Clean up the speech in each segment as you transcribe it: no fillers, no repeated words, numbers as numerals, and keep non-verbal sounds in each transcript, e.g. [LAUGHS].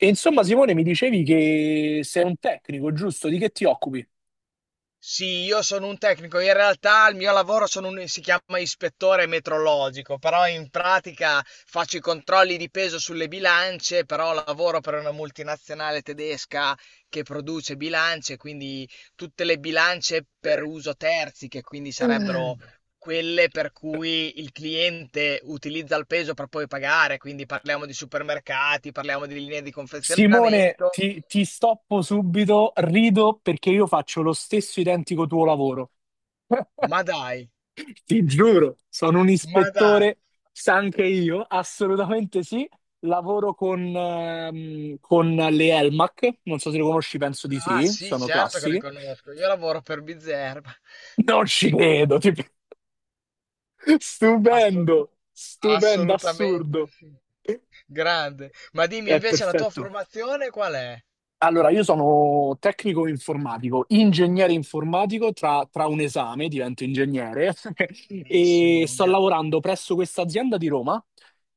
E insomma, Simone, mi dicevi che sei un tecnico, giusto? Di che ti occupi? Sì, io sono un tecnico, in realtà il mio lavoro si chiama ispettore metrologico, però in pratica faccio i controlli di peso sulle bilance, però lavoro per una multinazionale tedesca che produce bilance, quindi tutte le bilance per uso terzi, che quindi sarebbero quelle per cui il cliente utilizza il peso per poi pagare, quindi parliamo di supermercati, parliamo di linee di Simone, confezionamento, ti stoppo subito, rido perché io faccio lo stesso identico tuo lavoro. ma dai, Ti giuro, sono un ma dai. ispettore, sa anche io, assolutamente sì. Lavoro con le Elmac, non so se le conosci, penso di Ah, sì, sì, sono certo che le classiche. conosco. Io lavoro per Bizerba. Non ci credo, ti- [LAUGHS] Assu- stupendo, stupendo, Assolutamente assurdo. sì. Grande. Ma dimmi È invece la tua perfetto. formazione qual è? Allora, io sono tecnico informatico, ingegnere informatico, tra un esame divento ingegnere [LAUGHS] e Grandissimo. sto lavorando presso questa azienda di Roma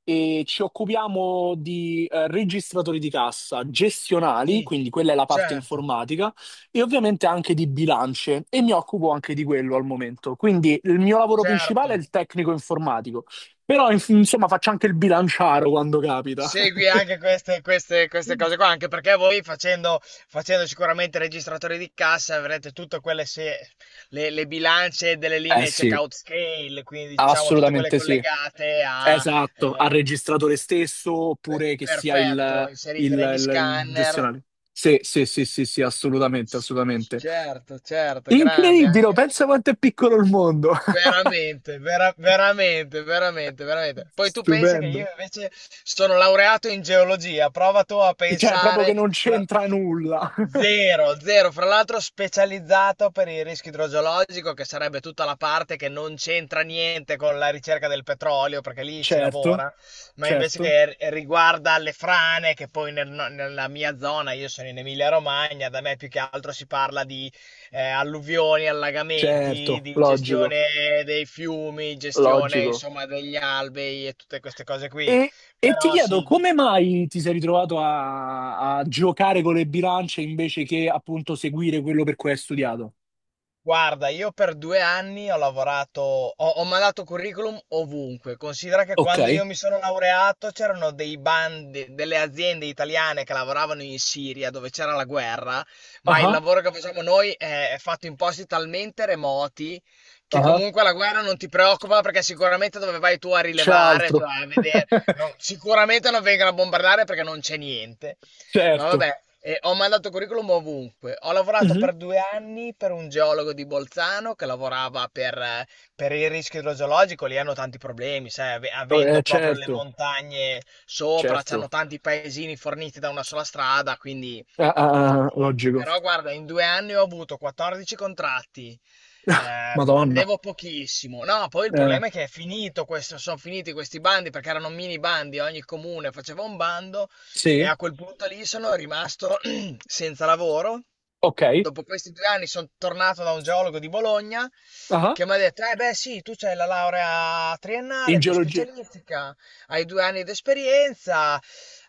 e ci occupiamo di registratori di cassa gestionali, Sì, quindi quella è la parte certo, informatica, e ovviamente anche di bilance e mi occupo anche di quello al momento. Quindi il mio lavoro principale è certo. il tecnico informatico, però insomma faccio anche il bilanciaro quando capita. [LAUGHS] Segui anche queste, queste cose qua, anche perché voi facendo, facendo sicuramente registratori di cassa avrete tutte quelle le bilance delle Eh linee sì, checkout scale, quindi diciamo tutte quelle assolutamente sì. collegate a... Esatto, eh, al registratore stesso oppure che sia il, Perfetto, inserite negli il scanner. gestionale. Sì, sì, sì, sì, sì, assolutamente, assolutamente. Certo, certo, grande Incredibile, oh, anche. pensa quanto è piccolo il mondo. [LAUGHS] Veramente, veramente, veramente, veramente. Poi tu pensa che Stupendo. io invece sono laureato in geologia, prova tu a Cioè, proprio che pensare, non c'entra nulla. [LAUGHS] zero, zero, fra l'altro specializzato per il rischio idrogeologico, che sarebbe tutta la parte che non c'entra niente con la ricerca del petrolio, perché lì si Certo, lavora, ma invece certo, che riguarda le frane, che poi nella mia zona, io sono in Emilia-Romagna, da me più che altro si parla di alluvioni, allagamenti, certo, di logico, gestione dei fiumi, gestione logico. insomma degli alvei e tutte queste cose qui. E ti Però chiedo, sì, come mai ti sei ritrovato a giocare con le bilance invece che appunto seguire quello per cui hai studiato? guarda, io per due anni ho lavorato, ho mandato curriculum ovunque. Considera che Ok. quando io mi sono laureato c'erano dei bandi, delle aziende italiane che lavoravano in Siria dove c'era la guerra, ma il Ah, lavoro che facciamo noi è fatto in posti talmente remoti che ah. comunque la guerra non ti preoccupa perché sicuramente dove vai tu a C'è rilevare, altro. cioè a [LAUGHS] vedere, sicuramente non vengono a bombardare perché non c'è niente. Ma Certo. vabbè, ho mandato curriculum ovunque. Ho lavorato Mhm. per due anni per un geologo di Bolzano che lavorava per il rischio idrogeologico. Lì hanno tanti problemi, sai, avendo proprio le Certo, montagne sopra, c'hanno certo. tanti paesini forniti da una sola strada, quindi Ah, ah, ah, logico. però guarda, in due anni ho avuto 14 contratti, [LAUGHS] Madonna. prendevo pochissimo. No, poi il Eh, problema è che è finito questo, sono finiti questi bandi perché erano mini bandi, ogni comune faceva un bando e sì, a quel punto lì sono rimasto [CLEARS THROAT] senza lavoro. ok. Dopo questi due anni sono tornato da un geologo di Bologna Ah, che mi ha detto: beh, sì, tu c'hai la laurea in triennale più geologia. specialistica, hai due anni di esperienza.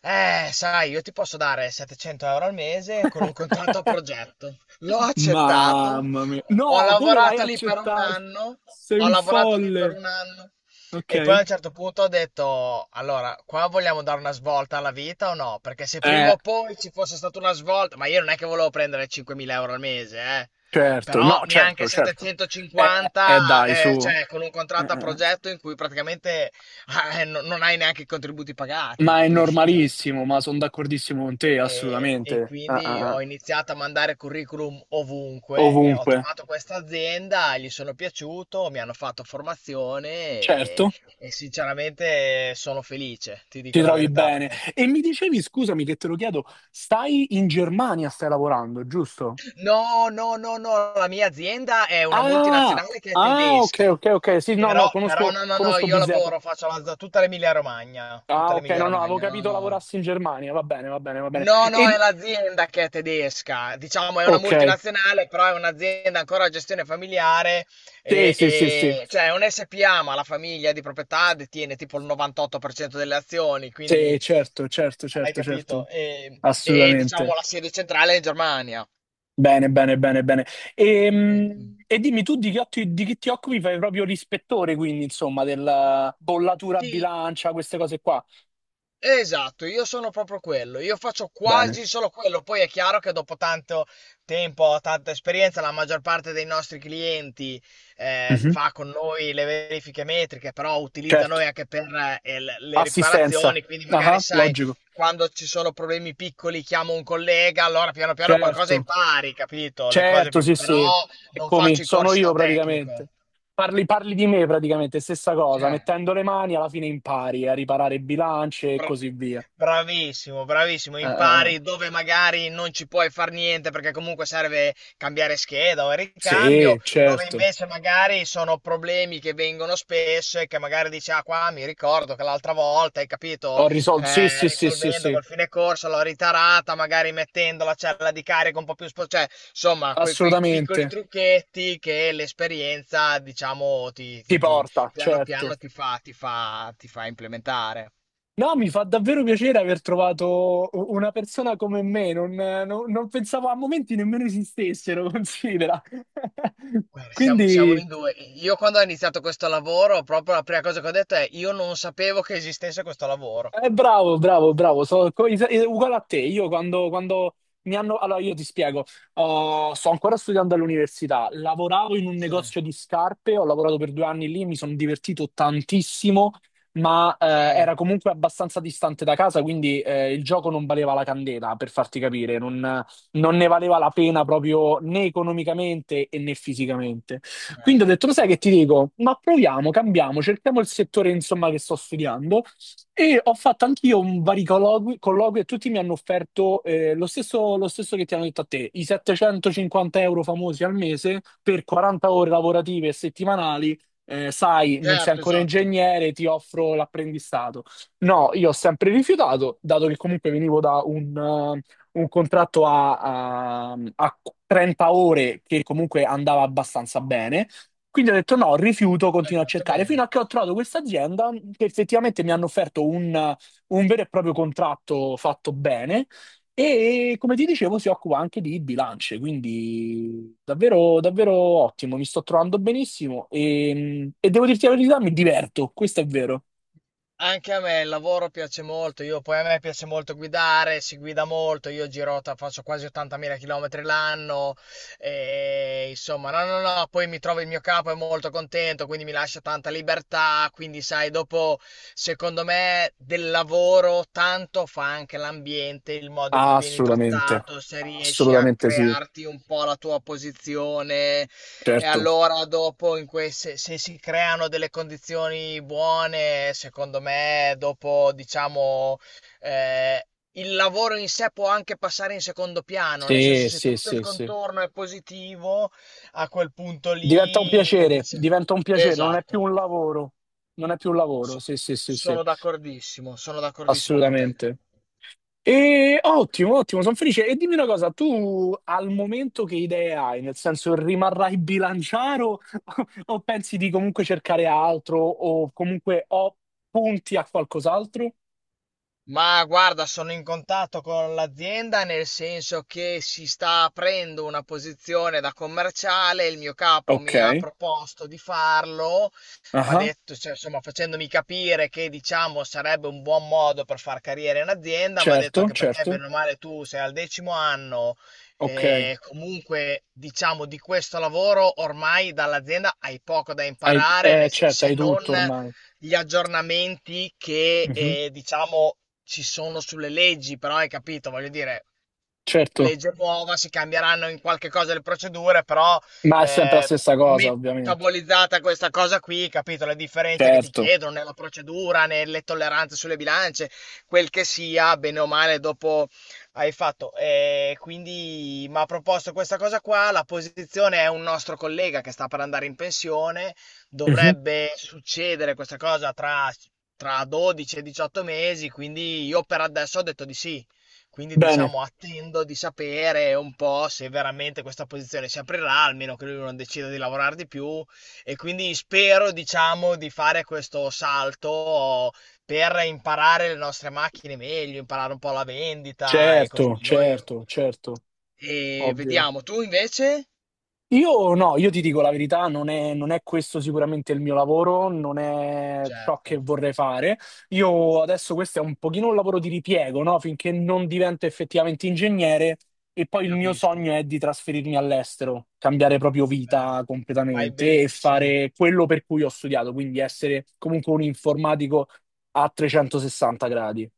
Sai, io ti posso dare 700 € al mese con un contratto a progetto. L'ho accettato, Mamma mia. ho No, come l'hai lavorato lì per un accettato? anno. Sei Ho un lavorato lì per folle. un anno. E poi a Ok. un certo punto ho detto: Allora, qua vogliamo dare una svolta alla vita o no? Perché se prima Eh, o poi ci fosse stata una svolta, ma io non è che volevo prendere 5.000 € al mese, eh. certo. Però No, neanche certo, certo. 750, Dai, su. Cioè con un contratto a Eh. progetto in cui praticamente non hai neanche i contributi pagati, Ma è capisci? Cioè. normalissimo, ma sono d'accordissimo con te, E assolutamente. Ah, quindi ah, ho ah. iniziato a mandare curriculum ovunque e ho Ovunque. trovato questa azienda, gli sono piaciuto, mi hanno fatto formazione e, Certo. e sinceramente sono felice, ti Ti dico la trovi verità. bene. Perché... E mi dicevi, scusami che te lo chiedo, stai in Germania, stai lavorando, giusto? No, no, no, no, la mia azienda è una Ah, multinazionale che è ah, ok, tedesca, ok, ok. Sì, no, no, però conosco, no, no, no, conosco io Bizerba. lavoro, faccio la, tutta Ah, ok, l'Emilia no, no, avevo Romagna, no, capito no. lavorassi in Germania. Va bene, va bene, va bene. No, no, è E, l'azienda che è tedesca, diciamo è una ok, multinazionale, però è un'azienda ancora a gestione familiare, sì, sì, sì, sì. Cioè è un SPA, ma la famiglia di proprietà detiene tipo il 98% delle azioni, quindi Sì, certo, certo, hai certo, capito? certo. E, diciamo Assolutamente. la sede centrale è in Germania. Bene, bene, bene, bene. Ecco. E, dimmi tu di che, di che ti occupi? Fai proprio l'ispettore, quindi, insomma, della bollatura a Sì, bilancia, queste cose qua. esatto, io sono proprio quello, io faccio Bene. quasi solo quello, poi è chiaro che dopo tanto tempo, tanta esperienza, la maggior parte dei nostri clienti Mhm. fa con noi le verifiche metriche, però utilizza Certo, noi anche per le assistenza. riparazioni, quindi magari Ah, sai, logico. quando ci sono problemi piccoli chiamo un collega, allora piano piano Certo, qualcosa impari, capito? Le cose certo, più... sì, sì. però non Eccomi, faccio i sono corsi io da praticamente. tecnico. Parli, parli di me praticamente, stessa cosa. Cioè. Mettendo le mani alla fine impari a riparare bilance e Bra così via. Bravissimo, bravissimo. Eh. Impari dove magari non ci puoi far niente perché comunque serve cambiare scheda o il ricambio, Sì, dove certo. invece magari sono problemi che vengono spesso e che magari dici, ah qua mi ricordo che l'altra volta, hai capito, Ho risolto. Sì, sì, sì, sì, risolvendo sì. col fine corso l'ho ritarata, magari mettendo la cella di carico un po' più cioè, insomma, quei piccoli Assolutamente. trucchetti che l'esperienza, diciamo, Ti porta, piano piano certo. ti fa implementare. No, mi fa davvero piacere aver trovato una persona come me, non, non pensavo a momenti nemmeno esistessero, [LAUGHS] considera. [LAUGHS] Guarda, siamo Quindi in due. Io quando ho iniziato questo lavoro, proprio la prima cosa che ho detto è io non sapevo che esistesse questo lavoro. eh, bravo, bravo, bravo, sono uguale a te. Io quando mi hanno... Allora, io ti spiego. Oh, sto ancora studiando all'università, lavoravo in un Cioè, negozio di scarpe, ho lavorato per due anni lì, mi sono divertito tantissimo, ma Cioè, era comunque abbastanza distante da casa, quindi il gioco non valeva la candela, per farti capire, non ne valeva la pena proprio né economicamente e né fisicamente. Quindi ho detto, lo sì. sai che ti dico? Ma proviamo, cambiamo, cerchiamo il settore, insomma, che sto studiando. E ho fatto anch'io un vari colloqui, colloqui e tutti mi hanno offerto lo stesso che ti hanno detto a te, i 750 € famosi al mese per 40 ore lavorative e settimanali. Sai, non sei Certo, ancora esatto. ingegnere, ti offro l'apprendistato. No, io ho sempre rifiutato, dato che comunque venivo da eh, un contratto a 30 ore che comunque andava abbastanza bene. Quindi ho detto no, rifiuto, Hai continuo a fatto cercare, bene. fino a che ho trovato questa azienda che effettivamente mi hanno offerto un vero e proprio contratto fatto bene e come ti dicevo si occupa anche di bilance, quindi davvero, davvero ottimo, mi sto trovando benissimo e devo dirti la verità, mi diverto, questo è vero. Anche a me il lavoro piace molto, io poi a me piace molto guidare, si guida molto, io giro, faccio quasi 80.000 km l'anno, e insomma, no, no, no, poi mi trovo il mio capo, è molto contento, quindi mi lascia tanta libertà, quindi sai, dopo, secondo me, del lavoro tanto fa anche l'ambiente, il modo in cui vieni Assolutamente, trattato, se riesci a assolutamente sì, crearti un po' la tua posizione, e certo. allora dopo se si creano delle condizioni buone, secondo me, dopo diciamo eh, il lavoro in sé può anche passare in secondo piano, nel senso Sì, se sì, tutto sì, il sì. contorno è positivo, a quel punto lì dice... Diventa un piacere, non è più Esatto. un lavoro, non è più un lavoro, So- sì, sì, sì, sì. Sono d'accordissimo, sono d'accordissimo con te. Assolutamente. E ottimo, ottimo, sono felice. E dimmi una cosa, tu al momento che idee hai? Nel senso, rimarrai bilanciaro [LAUGHS] o pensi di comunque cercare altro o comunque o punti a qualcos'altro? Ma guarda, sono in contatto con l'azienda nel senso che si sta aprendo una posizione da commerciale, il mio capo Ok, mi ha proposto di farlo, mi ha ah, detto, cioè, insomma, facendomi capire che diciamo sarebbe un buon modo per far carriera in azienda, mi ha detto certo, anche perché certo. bene o male tu sei al decimo anno Ok, hai, e comunque diciamo di questo lavoro ormai dall'azienda hai poco da imparare, certo, se hai non tutto ormai. gli aggiornamenti che Mhm. Diciamo ci sono sulle leggi, però hai capito, voglio dire, Certo, legge nuova, si cambieranno in qualche cosa le procedure, però ma è sempre la eh, stessa cosa, ovviamente. metabolizzata questa cosa qui, capito? Le differenze che ti Certo. chiedono nella procedura, nelle tolleranze sulle bilance, quel che sia, bene o male, dopo hai fatto. E quindi mi ha proposto questa cosa qua, la posizione è un nostro collega che sta per andare in pensione, Mhm. dovrebbe succedere questa cosa tra... Tra 12 e 18 mesi, quindi io per adesso ho detto di sì. Quindi Bene, diciamo attendo di sapere un po' se veramente questa posizione si aprirà, almeno che lui non decida di lavorare di più e quindi spero diciamo di fare questo salto per imparare le nostre macchine meglio, imparare un po' la vendita e così certo, noi certo, certo, e ovvio. vediamo. Tu invece? Io no, io ti dico la verità, non è questo sicuramente il mio lavoro, non è ciò che Certo, vorrei fare. Io adesso questo è un pochino un lavoro di ripiego, no? Finché non divento effettivamente ingegnere e poi il mio capisco. sogno è di trasferirmi all'estero, cambiare proprio Bello. vita Fai completamente e benissimo. fare quello per cui ho studiato, quindi essere comunque un informatico a 360 gradi.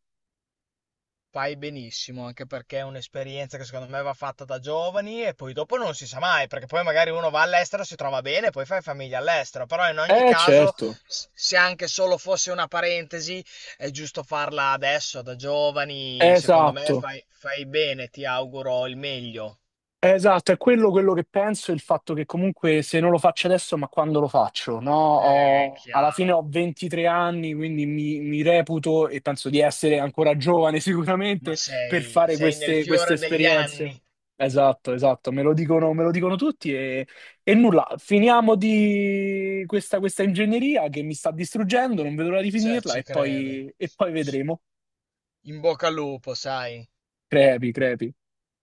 Fai benissimo, anche perché è un'esperienza che secondo me va fatta da giovani e poi dopo non si sa mai, perché poi magari uno va all'estero, si trova bene, poi fai famiglia all'estero, però in ogni Eh caso, certo, se anche solo fosse una parentesi, è giusto farla adesso, da giovani, secondo me esatto. fai, bene, ti auguro il meglio. Esatto, è quello che penso, il fatto che comunque se non lo faccio adesso, ma quando lo faccio, no? Alla fine Chiaro, ho 23 anni, quindi mi reputo e penso di essere ancora giovane [LAUGHS] ma sicuramente per sei, fare sei nel queste fiore degli esperienze. anni, Esatto, esatto, me lo dicono tutti e nulla, finiamo di questa ingegneria che mi sta distruggendo, non vedo l'ora di cioè finirla ci credo. E poi vedremo. In bocca al lupo, sai. Crepi, crepi.